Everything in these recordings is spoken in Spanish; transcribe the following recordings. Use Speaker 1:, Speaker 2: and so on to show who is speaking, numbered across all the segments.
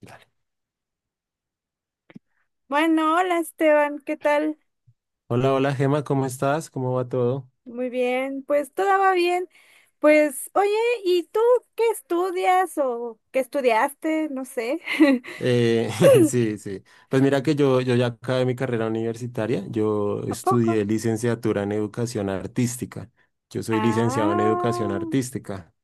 Speaker 1: Dale.
Speaker 2: Bueno, hola Esteban, ¿qué tal?
Speaker 1: Hola, hola Gema, ¿cómo estás? ¿Cómo va todo?
Speaker 2: Muy bien, pues todo va bien. Pues, oye, ¿y tú qué estudias o qué estudiaste? No sé.
Speaker 1: Eh, sí, sí. Pues mira que yo ya acabé mi carrera universitaria. Yo
Speaker 2: ¿A poco?
Speaker 1: estudié licenciatura en educación artística. Yo soy licenciado en educación
Speaker 2: Ah,
Speaker 1: artística.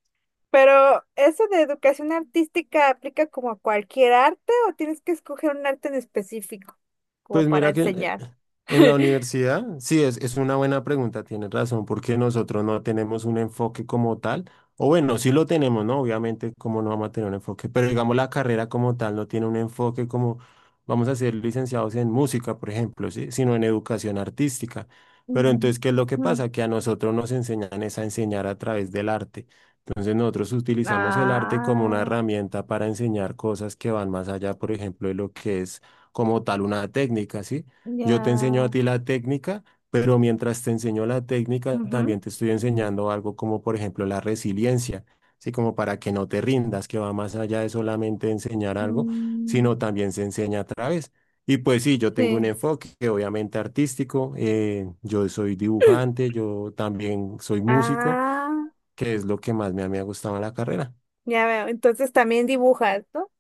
Speaker 2: pero ¿eso de educación artística aplica como a cualquier arte o tienes que escoger un arte en específico como
Speaker 1: Pues
Speaker 2: para
Speaker 1: mira que
Speaker 2: enseñar?
Speaker 1: en la universidad, sí, es una buena pregunta, tienes razón, porque nosotros no tenemos un enfoque como tal, o bueno, sí lo tenemos, ¿no? Obviamente, como no vamos a tener un enfoque? Pero digamos, la carrera como tal no tiene un enfoque como vamos a ser licenciados en música, por ejemplo, ¿sí? Sino en educación artística. Pero
Speaker 2: Mm,
Speaker 1: entonces, ¿qué es lo que
Speaker 2: ujú.
Speaker 1: pasa? Que a nosotros nos enseñan es a enseñar a través del arte. Entonces nosotros utilizamos el arte como una
Speaker 2: Ah,
Speaker 1: herramienta para enseñar cosas que van más allá, por ejemplo, de lo que es como tal una técnica, ¿sí? Yo te enseño a
Speaker 2: ya.
Speaker 1: ti la técnica, pero mientras te enseño la técnica,
Speaker 2: Ujú.
Speaker 1: también te estoy enseñando algo como, por ejemplo, la resiliencia, ¿sí? Como para que no te rindas, que va más allá de solamente enseñar algo,
Speaker 2: Mm,
Speaker 1: sino también se enseña a través. Y pues sí, yo tengo un
Speaker 2: sí.
Speaker 1: enfoque obviamente artístico, yo soy dibujante, yo también soy músico,
Speaker 2: Ah,
Speaker 1: que es lo que más me ha gustado en la carrera.
Speaker 2: ya veo. Entonces también dibujas, ¿no?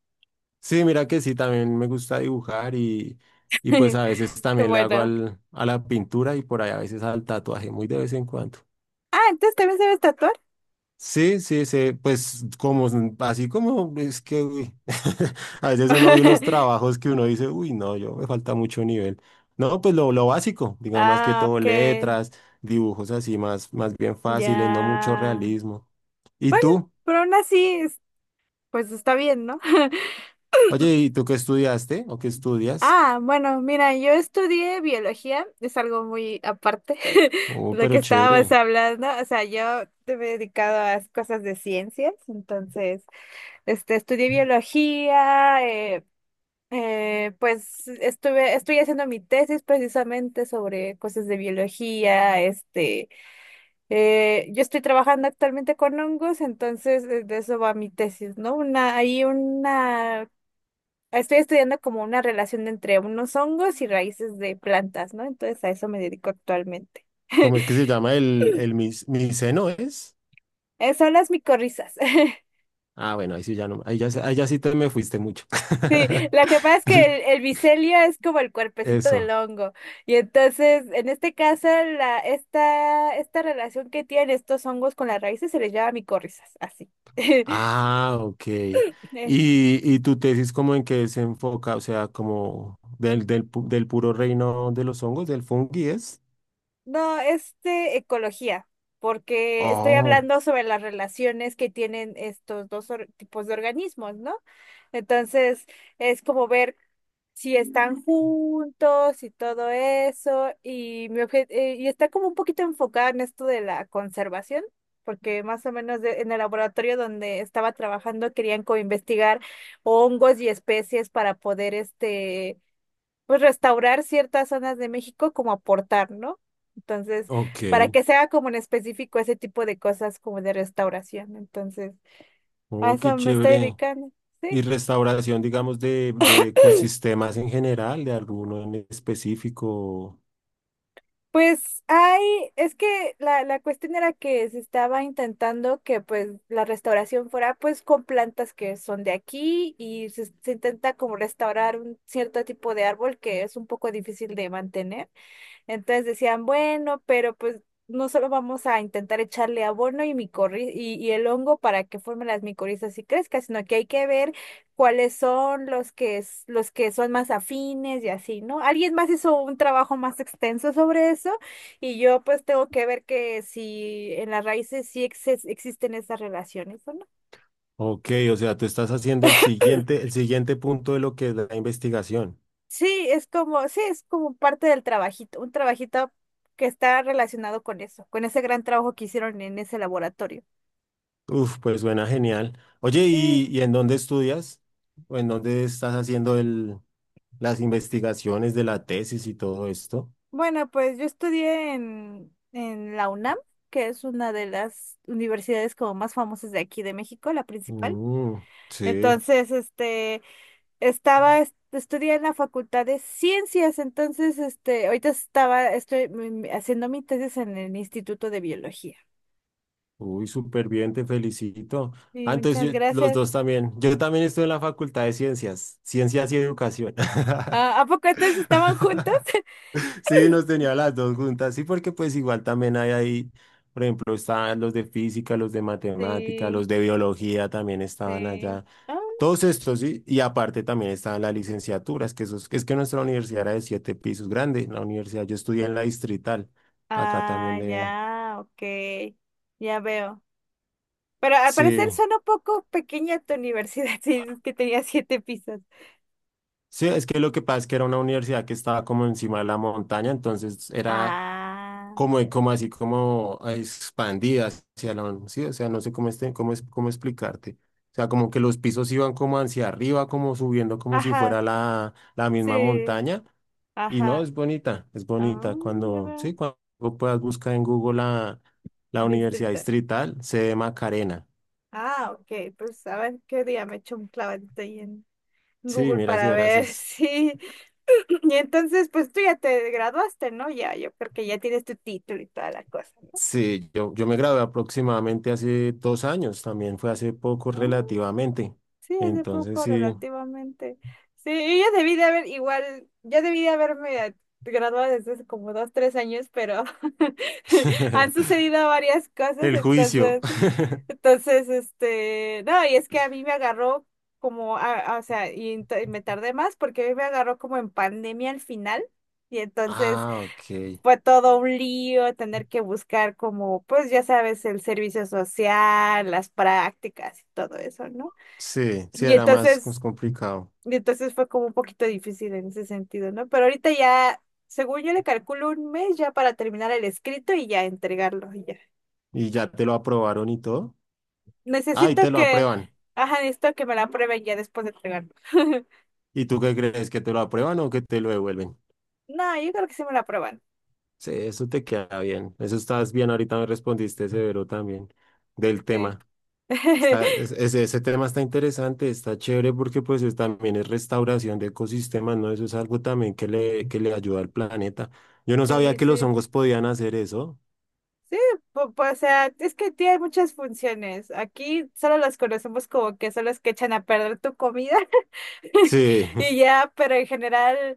Speaker 1: Sí, mira que sí, también me gusta dibujar y pues a veces
Speaker 2: Qué
Speaker 1: también le hago
Speaker 2: bueno.
Speaker 1: al, a la pintura y por ahí a veces al tatuaje, muy de vez en cuando.
Speaker 2: Ah, entonces también sabes tatuar.
Speaker 1: Sí, sí, sí, pues como, así como es que, uy, a veces uno ve unos trabajos que uno dice, uy, no, yo me falta mucho nivel. No, pues lo básico, digamos más que
Speaker 2: Ah,
Speaker 1: todo
Speaker 2: ok.
Speaker 1: letras, dibujos así más, más bien fáciles, no mucho
Speaker 2: Ya.
Speaker 1: realismo. ¿Y
Speaker 2: Bueno,
Speaker 1: tú?
Speaker 2: pero aún así, pues está bien, ¿no?
Speaker 1: Oye, ¿y tú qué estudiaste o qué estudias?
Speaker 2: Ah, bueno, mira, yo estudié biología, es algo muy aparte de
Speaker 1: Oh,
Speaker 2: lo que
Speaker 1: pero
Speaker 2: estábamos
Speaker 1: chévere.
Speaker 2: hablando. O sea, yo te me he dedicado a cosas de ciencias, entonces, estudié biología, pues estoy haciendo mi tesis precisamente sobre cosas de biología, yo estoy trabajando actualmente con hongos, entonces de eso va mi tesis, ¿no? Estoy estudiando como una relación entre unos hongos y raíces de plantas, ¿no? Entonces a eso me dedico actualmente.
Speaker 1: ¿Cómo es que se llama el miceno es?
Speaker 2: Son las micorrizas.
Speaker 1: Ah, bueno, ahí sí ya no, ahí ya sí te me fuiste mucho.
Speaker 2: Sí, lo que pasa es que el micelio es como el cuerpecito del
Speaker 1: Eso.
Speaker 2: hongo. Y entonces, en este caso, esta relación que tienen estos hongos con las raíces se les llama micorrizas, así.
Speaker 1: Ah, ok. Y tu tesis como en qué se enfoca? O sea, como del, del, del puro reino de los hongos, del fungi es.
Speaker 2: No, ecología, porque estoy
Speaker 1: Oh,
Speaker 2: hablando sobre las relaciones que tienen estos dos tipos de organismos, ¿no? Entonces, es como ver si están juntos y todo eso, y y está como un poquito enfocada en esto de la conservación, porque más o menos en el laboratorio donde estaba trabajando querían coinvestigar hongos y especies para poder pues restaurar ciertas zonas de México como aportar, ¿no? Entonces,
Speaker 1: ok.
Speaker 2: para que se haga como en específico ese tipo de cosas como de restauración. Entonces, a
Speaker 1: Oh, qué
Speaker 2: eso me estoy
Speaker 1: chévere.
Speaker 2: dedicando.
Speaker 1: Y
Speaker 2: Sí.
Speaker 1: restauración, digamos, de ecosistemas en general, de alguno en específico.
Speaker 2: Pues hay, es que la cuestión era que se estaba intentando que pues la restauración fuera pues con plantas que son de aquí y se intenta como restaurar un cierto tipo de árbol que es un poco difícil de mantener. Entonces decían, bueno, pero pues no solo vamos a intentar echarle abono y el hongo para que formen las micorrizas y crezca, sino que hay que ver cuáles son los que, los que son más afines y así, ¿no? Alguien más hizo un trabajo más extenso sobre eso y yo pues tengo que ver que si en las raíces sí existen esas relaciones o no.
Speaker 1: Ok, o sea, tú estás haciendo el siguiente punto de lo que es la investigación.
Speaker 2: Sí, es como parte del trabajito, un trabajito que está relacionado con eso, con ese gran trabajo que hicieron en ese laboratorio.
Speaker 1: Uf, pues suena genial. Oye,
Speaker 2: Sí,
Speaker 1: y en dónde estudias? ¿O en dónde estás haciendo el, las investigaciones de la tesis y todo esto?
Speaker 2: bueno, pues yo estudié en la UNAM, que es una de las universidades como más famosas de aquí de México, la principal.
Speaker 1: Mm, sí,
Speaker 2: Entonces, estudié en la Facultad de Ciencias, entonces, ahorita estoy haciendo mi tesis en el Instituto de Biología.
Speaker 1: uy, súper bien, te felicito.
Speaker 2: Sí,
Speaker 1: Ah, entonces
Speaker 2: muchas
Speaker 1: los
Speaker 2: gracias.
Speaker 1: dos también. Yo también estoy en la Facultad de Ciencias, Ciencias y Educación.
Speaker 2: Ah, ¿a poco entonces estaban juntos?
Speaker 1: Sí, nos tenía las dos juntas, sí, porque pues igual también hay ahí, por ejemplo, estaban los de física, los de matemática,
Speaker 2: Sí,
Speaker 1: los de biología también estaban
Speaker 2: sí.
Speaker 1: allá,
Speaker 2: Ah,
Speaker 1: todos estos, sí, y aparte también estaban las licenciaturas, que esos, es que nuestra universidad era de siete pisos, grande, la universidad, yo estudié en la Distrital, acá
Speaker 2: ah,
Speaker 1: también de,
Speaker 2: ya, ok, ya veo. Pero al
Speaker 1: sí,
Speaker 2: parecer suena un poco pequeña tu universidad, si dices que tenía siete pisos.
Speaker 1: sí, es que lo que pasa es que era una universidad que estaba como encima de la montaña, entonces era
Speaker 2: Ah,
Speaker 1: como, como así, como ah, expandida hacia la, sí, o sea, no sé cómo, este, cómo, cómo explicarte. O sea, como que los pisos iban como hacia arriba, como subiendo, como si
Speaker 2: ajá,
Speaker 1: fuera la, la misma
Speaker 2: sí,
Speaker 1: montaña. Y no,
Speaker 2: ajá.
Speaker 1: es bonita, es
Speaker 2: Ah,
Speaker 1: bonita.
Speaker 2: ya
Speaker 1: Cuando, sí,
Speaker 2: veo.
Speaker 1: cuando puedas buscar en Google la, la Universidad
Speaker 2: Distrito.
Speaker 1: Distrital, sede Macarena.
Speaker 2: Ah, ok, pues a ver qué día me echo un clavadito ahí en
Speaker 1: Sí,
Speaker 2: Google
Speaker 1: mira, si
Speaker 2: para
Speaker 1: verás,
Speaker 2: ver si... Y entonces, pues tú ya te graduaste, ¿no? Ya, yo creo que ya tienes tu título y toda la cosa,
Speaker 1: sí, yo me gradué aproximadamente hace 2 años, también fue hace poco
Speaker 2: ¿no?
Speaker 1: relativamente.
Speaker 2: Sí, hace
Speaker 1: Entonces,
Speaker 2: poco
Speaker 1: sí,
Speaker 2: relativamente. Sí, yo ya debí de haber, igual, ya debí de haberme graduado desde hace como 2, 3 años, pero han sucedido varias cosas,
Speaker 1: el juicio.
Speaker 2: entonces, no, y es que a mí me agarró como, o sea, y me tardé más porque a mí me agarró como en pandemia al final. Y entonces
Speaker 1: Ah, ok.
Speaker 2: fue todo un lío tener que buscar como, pues ya sabes, el servicio social, las prácticas y todo eso, ¿no?
Speaker 1: Sí, sí,
Speaker 2: Y
Speaker 1: era más, más
Speaker 2: entonces
Speaker 1: complicado.
Speaker 2: fue como un poquito difícil en ese sentido, ¿no? Pero ahorita ya, según yo le calculo un mes ya para terminar el escrito y ya entregarlo, y ya.
Speaker 1: ¿Y ya te lo aprobaron y todo? Ah, y te
Speaker 2: Necesito
Speaker 1: lo
Speaker 2: que,
Speaker 1: aprueban.
Speaker 2: ajá, necesito que me la aprueben ya después de entregarlo.
Speaker 1: ¿Y tú qué crees? ¿Que te lo aprueban o que te lo devuelven?
Speaker 2: No, yo creo que sí me la aprueban.
Speaker 1: Sí, eso te queda bien. Eso estás bien. Ahorita me respondiste severo también del
Speaker 2: Sí.
Speaker 1: tema. Está, ese, ese tema está interesante, está chévere porque pues también es restauración de ecosistemas, ¿no? Eso es algo también que le ayuda al planeta. Yo no sabía
Speaker 2: Sí,
Speaker 1: que los
Speaker 2: sí.
Speaker 1: hongos podían hacer eso.
Speaker 2: Sí, pues, o sea, es que tiene muchas funciones. Aquí solo las conocemos como que son las que echan a perder tu comida.
Speaker 1: Sí.
Speaker 2: Y ya, pero en general,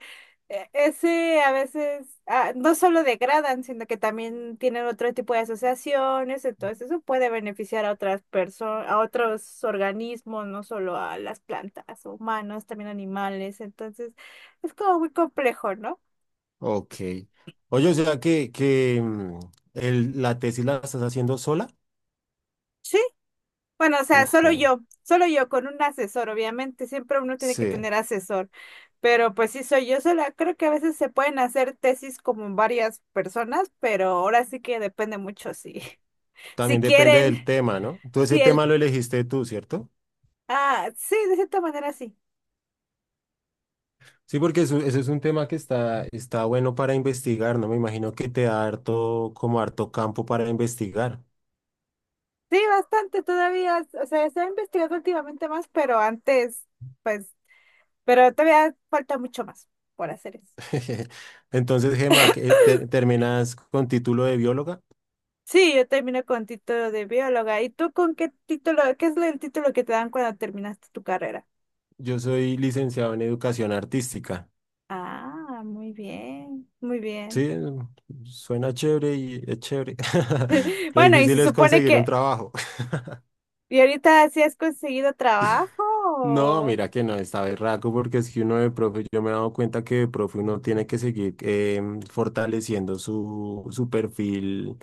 Speaker 2: ese a veces no solo degradan, sino que también tienen otro tipo de asociaciones, entonces eso puede beneficiar a otras personas, a otros organismos, no solo a las plantas, humanos, también animales, entonces es como muy complejo, ¿no?
Speaker 1: Ok. Oye, o sea que mm, la tesis la estás haciendo sola.
Speaker 2: Sí, bueno, o sea,
Speaker 1: Uf, genial.
Speaker 2: solo yo con un asesor, obviamente, siempre uno tiene que
Speaker 1: Sí.
Speaker 2: tener asesor, pero pues sí soy yo sola, creo que a veces se pueden hacer tesis como varias personas, pero ahora sí que depende mucho si, si
Speaker 1: También depende del
Speaker 2: quieren,
Speaker 1: tema, ¿no? Tú ese
Speaker 2: si el,
Speaker 1: tema lo elegiste tú, ¿cierto?
Speaker 2: sí, de cierta manera sí,
Speaker 1: Sí, porque eso es un tema que está, está bueno para investigar, ¿no? Me imagino que te da harto, como harto campo para investigar.
Speaker 2: sí, bastante todavía, o sea, se ha investigado últimamente más, pero antes, pues, pero todavía falta mucho más por hacer eso.
Speaker 1: Entonces, Gemma, ¿terminas con título de bióloga?
Speaker 2: Sí, yo terminé con título de bióloga. ¿Y tú con qué título? ¿Qué es el título que te dan cuando terminaste tu carrera?
Speaker 1: Yo soy licenciado en educación artística.
Speaker 2: Ah, muy bien, muy bien.
Speaker 1: Sí, suena chévere y es chévere. Lo
Speaker 2: Bueno, y se
Speaker 1: difícil es
Speaker 2: supone
Speaker 1: conseguir un
Speaker 2: que,
Speaker 1: trabajo.
Speaker 2: ¿y ahorita sí has conseguido trabajo?
Speaker 1: No,
Speaker 2: O-
Speaker 1: mira que no, está berraco porque es que uno de profe, yo me he dado cuenta que de profe uno tiene que seguir fortaleciendo su, su perfil,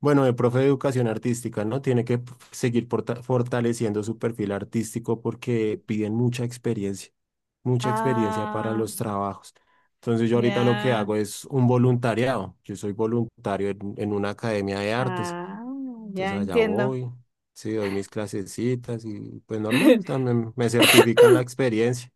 Speaker 1: bueno, de profe de educación artística, ¿no? Tiene que seguir fortaleciendo su perfil artístico porque piden mucha experiencia para
Speaker 2: Ah,
Speaker 1: los trabajos. Entonces yo ahorita lo que
Speaker 2: ya,
Speaker 1: hago es un voluntariado, yo soy voluntario en una academia de artes.
Speaker 2: ah, ya
Speaker 1: Entonces allá
Speaker 2: entiendo.
Speaker 1: voy, sí, doy mis clasecitas y pues normal, también me certifican la experiencia,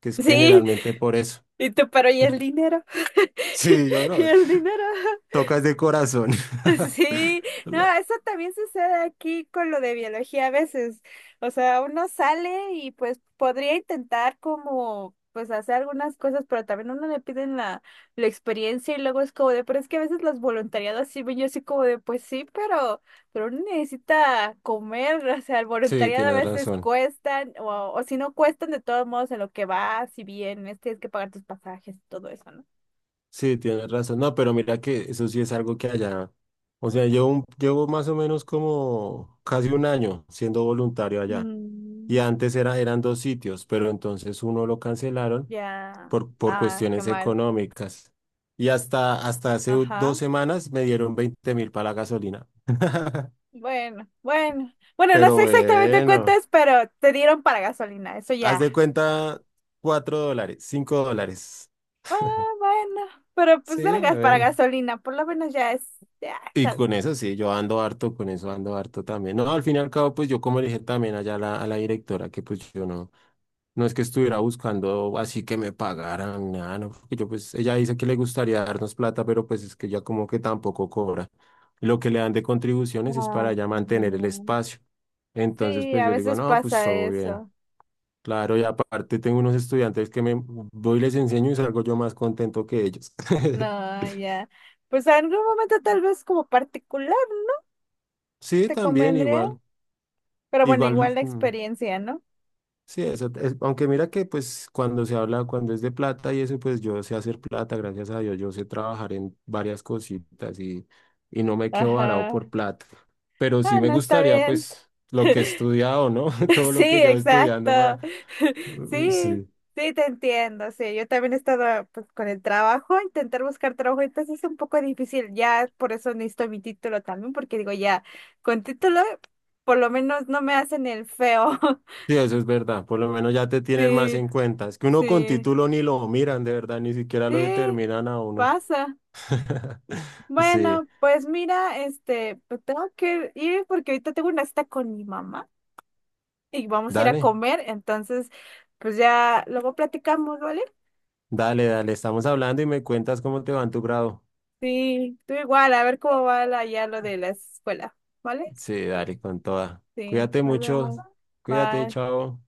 Speaker 1: que es
Speaker 2: Sí,
Speaker 1: generalmente por eso.
Speaker 2: y tú, pero ¿y el dinero?
Speaker 1: Sí, yo
Speaker 2: ¿Y
Speaker 1: no,
Speaker 2: el dinero?
Speaker 1: tocas de corazón.
Speaker 2: Sí, no,
Speaker 1: La-
Speaker 2: eso también sucede aquí con lo de biología a veces. O sea, uno sale y pues podría intentar como pues hacer algunas cosas, pero también uno le piden la experiencia y luego es como de, pero es que a veces los voluntariados sí ven yo así como de, pues sí, pero uno necesita comer, o sea, el
Speaker 1: Sí,
Speaker 2: voluntariado a
Speaker 1: tienes
Speaker 2: veces
Speaker 1: razón.
Speaker 2: cuestan, o si no cuestan de todos modos en lo que vas, si vienes, tienes que pagar tus pasajes y todo eso, ¿no?
Speaker 1: Sí, tienes razón. No, pero mira que eso sí es algo que allá, o sea, yo llevo más o menos como casi un año siendo voluntario allá. Y
Speaker 2: Mm.
Speaker 1: antes era, eran dos sitios, pero entonces uno lo cancelaron
Speaker 2: Ya,
Speaker 1: por
Speaker 2: ah, qué
Speaker 1: cuestiones
Speaker 2: mal.
Speaker 1: económicas. Y hasta, hasta hace
Speaker 2: Ajá.
Speaker 1: 2 semanas me dieron 20.000 para la gasolina.
Speaker 2: Bueno, bueno. Bueno, no
Speaker 1: Pero
Speaker 2: sé exactamente cuánto
Speaker 1: bueno,
Speaker 2: es, pero te dieron para gasolina. Eso
Speaker 1: haz
Speaker 2: ya.
Speaker 1: de cuenta $4, $5.
Speaker 2: Ah, bueno. Pero pues
Speaker 1: Sí,
Speaker 2: era
Speaker 1: a
Speaker 2: gas para
Speaker 1: ver.
Speaker 2: gasolina. Por lo menos ya es. Ya es
Speaker 1: Y
Speaker 2: algo.
Speaker 1: con eso sí, yo ando harto, con eso ando harto también. No, al fin y al cabo, pues yo como le dije también allá a la directora que pues yo no. No es que estuviera buscando así que me pagaran, nada, no, porque yo pues, ella dice que le gustaría darnos plata, pero pues es que ya como que tampoco cobra. Lo que le dan de contribuciones es
Speaker 2: Ah,
Speaker 1: para ya mantener el
Speaker 2: no.
Speaker 1: espacio. Entonces,
Speaker 2: Sí,
Speaker 1: pues
Speaker 2: a
Speaker 1: yo le digo,
Speaker 2: veces
Speaker 1: no, pues
Speaker 2: pasa
Speaker 1: todo bien.
Speaker 2: eso.
Speaker 1: Claro, y aparte tengo unos estudiantes que me voy y les enseño y salgo yo más contento que ellos.
Speaker 2: No, ya. Pues en algún momento tal vez como particular
Speaker 1: Sí,
Speaker 2: te
Speaker 1: también
Speaker 2: convendría.
Speaker 1: igual,
Speaker 2: Pero bueno,
Speaker 1: igual.
Speaker 2: igual la
Speaker 1: Mm,
Speaker 2: experiencia, ¿no?
Speaker 1: sí, eso, aunque mira que pues cuando se habla, cuando es de plata y eso, pues yo sé hacer plata, gracias a Dios, yo sé trabajar en varias cositas y no me quedo varado
Speaker 2: Ajá.
Speaker 1: por plata. Pero
Speaker 2: Ah,
Speaker 1: sí me
Speaker 2: no, está
Speaker 1: gustaría
Speaker 2: bien.
Speaker 1: pues lo que he estudiado, ¿no? Todo
Speaker 2: Sí,
Speaker 1: lo que llevo estudiando
Speaker 2: exacto.
Speaker 1: para...
Speaker 2: Sí,
Speaker 1: Sí.
Speaker 2: sí, te entiendo. Sí, yo también he estado pues, con el trabajo, intentar buscar trabajo, entonces es un poco difícil. Ya por eso necesito mi título también, porque digo, ya con título por lo menos no me hacen el feo.
Speaker 1: Sí, eso es verdad, por lo menos ya te tienen más
Speaker 2: Sí,
Speaker 1: en cuenta. Es que uno con
Speaker 2: sí,
Speaker 1: título ni lo miran, de verdad, ni siquiera lo
Speaker 2: sí,
Speaker 1: determinan a uno.
Speaker 2: pasa.
Speaker 1: Sí,
Speaker 2: Bueno, pues mira, pues tengo que ir porque ahorita tengo una cita con mi mamá y vamos a ir a
Speaker 1: dale,
Speaker 2: comer, entonces pues ya luego platicamos, ¿vale?
Speaker 1: dale, dale, estamos hablando y me cuentas cómo te va en tu grado.
Speaker 2: Sí, tú igual, a ver cómo va ya lo de la escuela, ¿vale?
Speaker 1: Sí, dale con toda.
Speaker 2: Sí,
Speaker 1: Cuídate
Speaker 2: nos
Speaker 1: mucho.
Speaker 2: vemos.
Speaker 1: Cuídate,
Speaker 2: Bye.
Speaker 1: chao.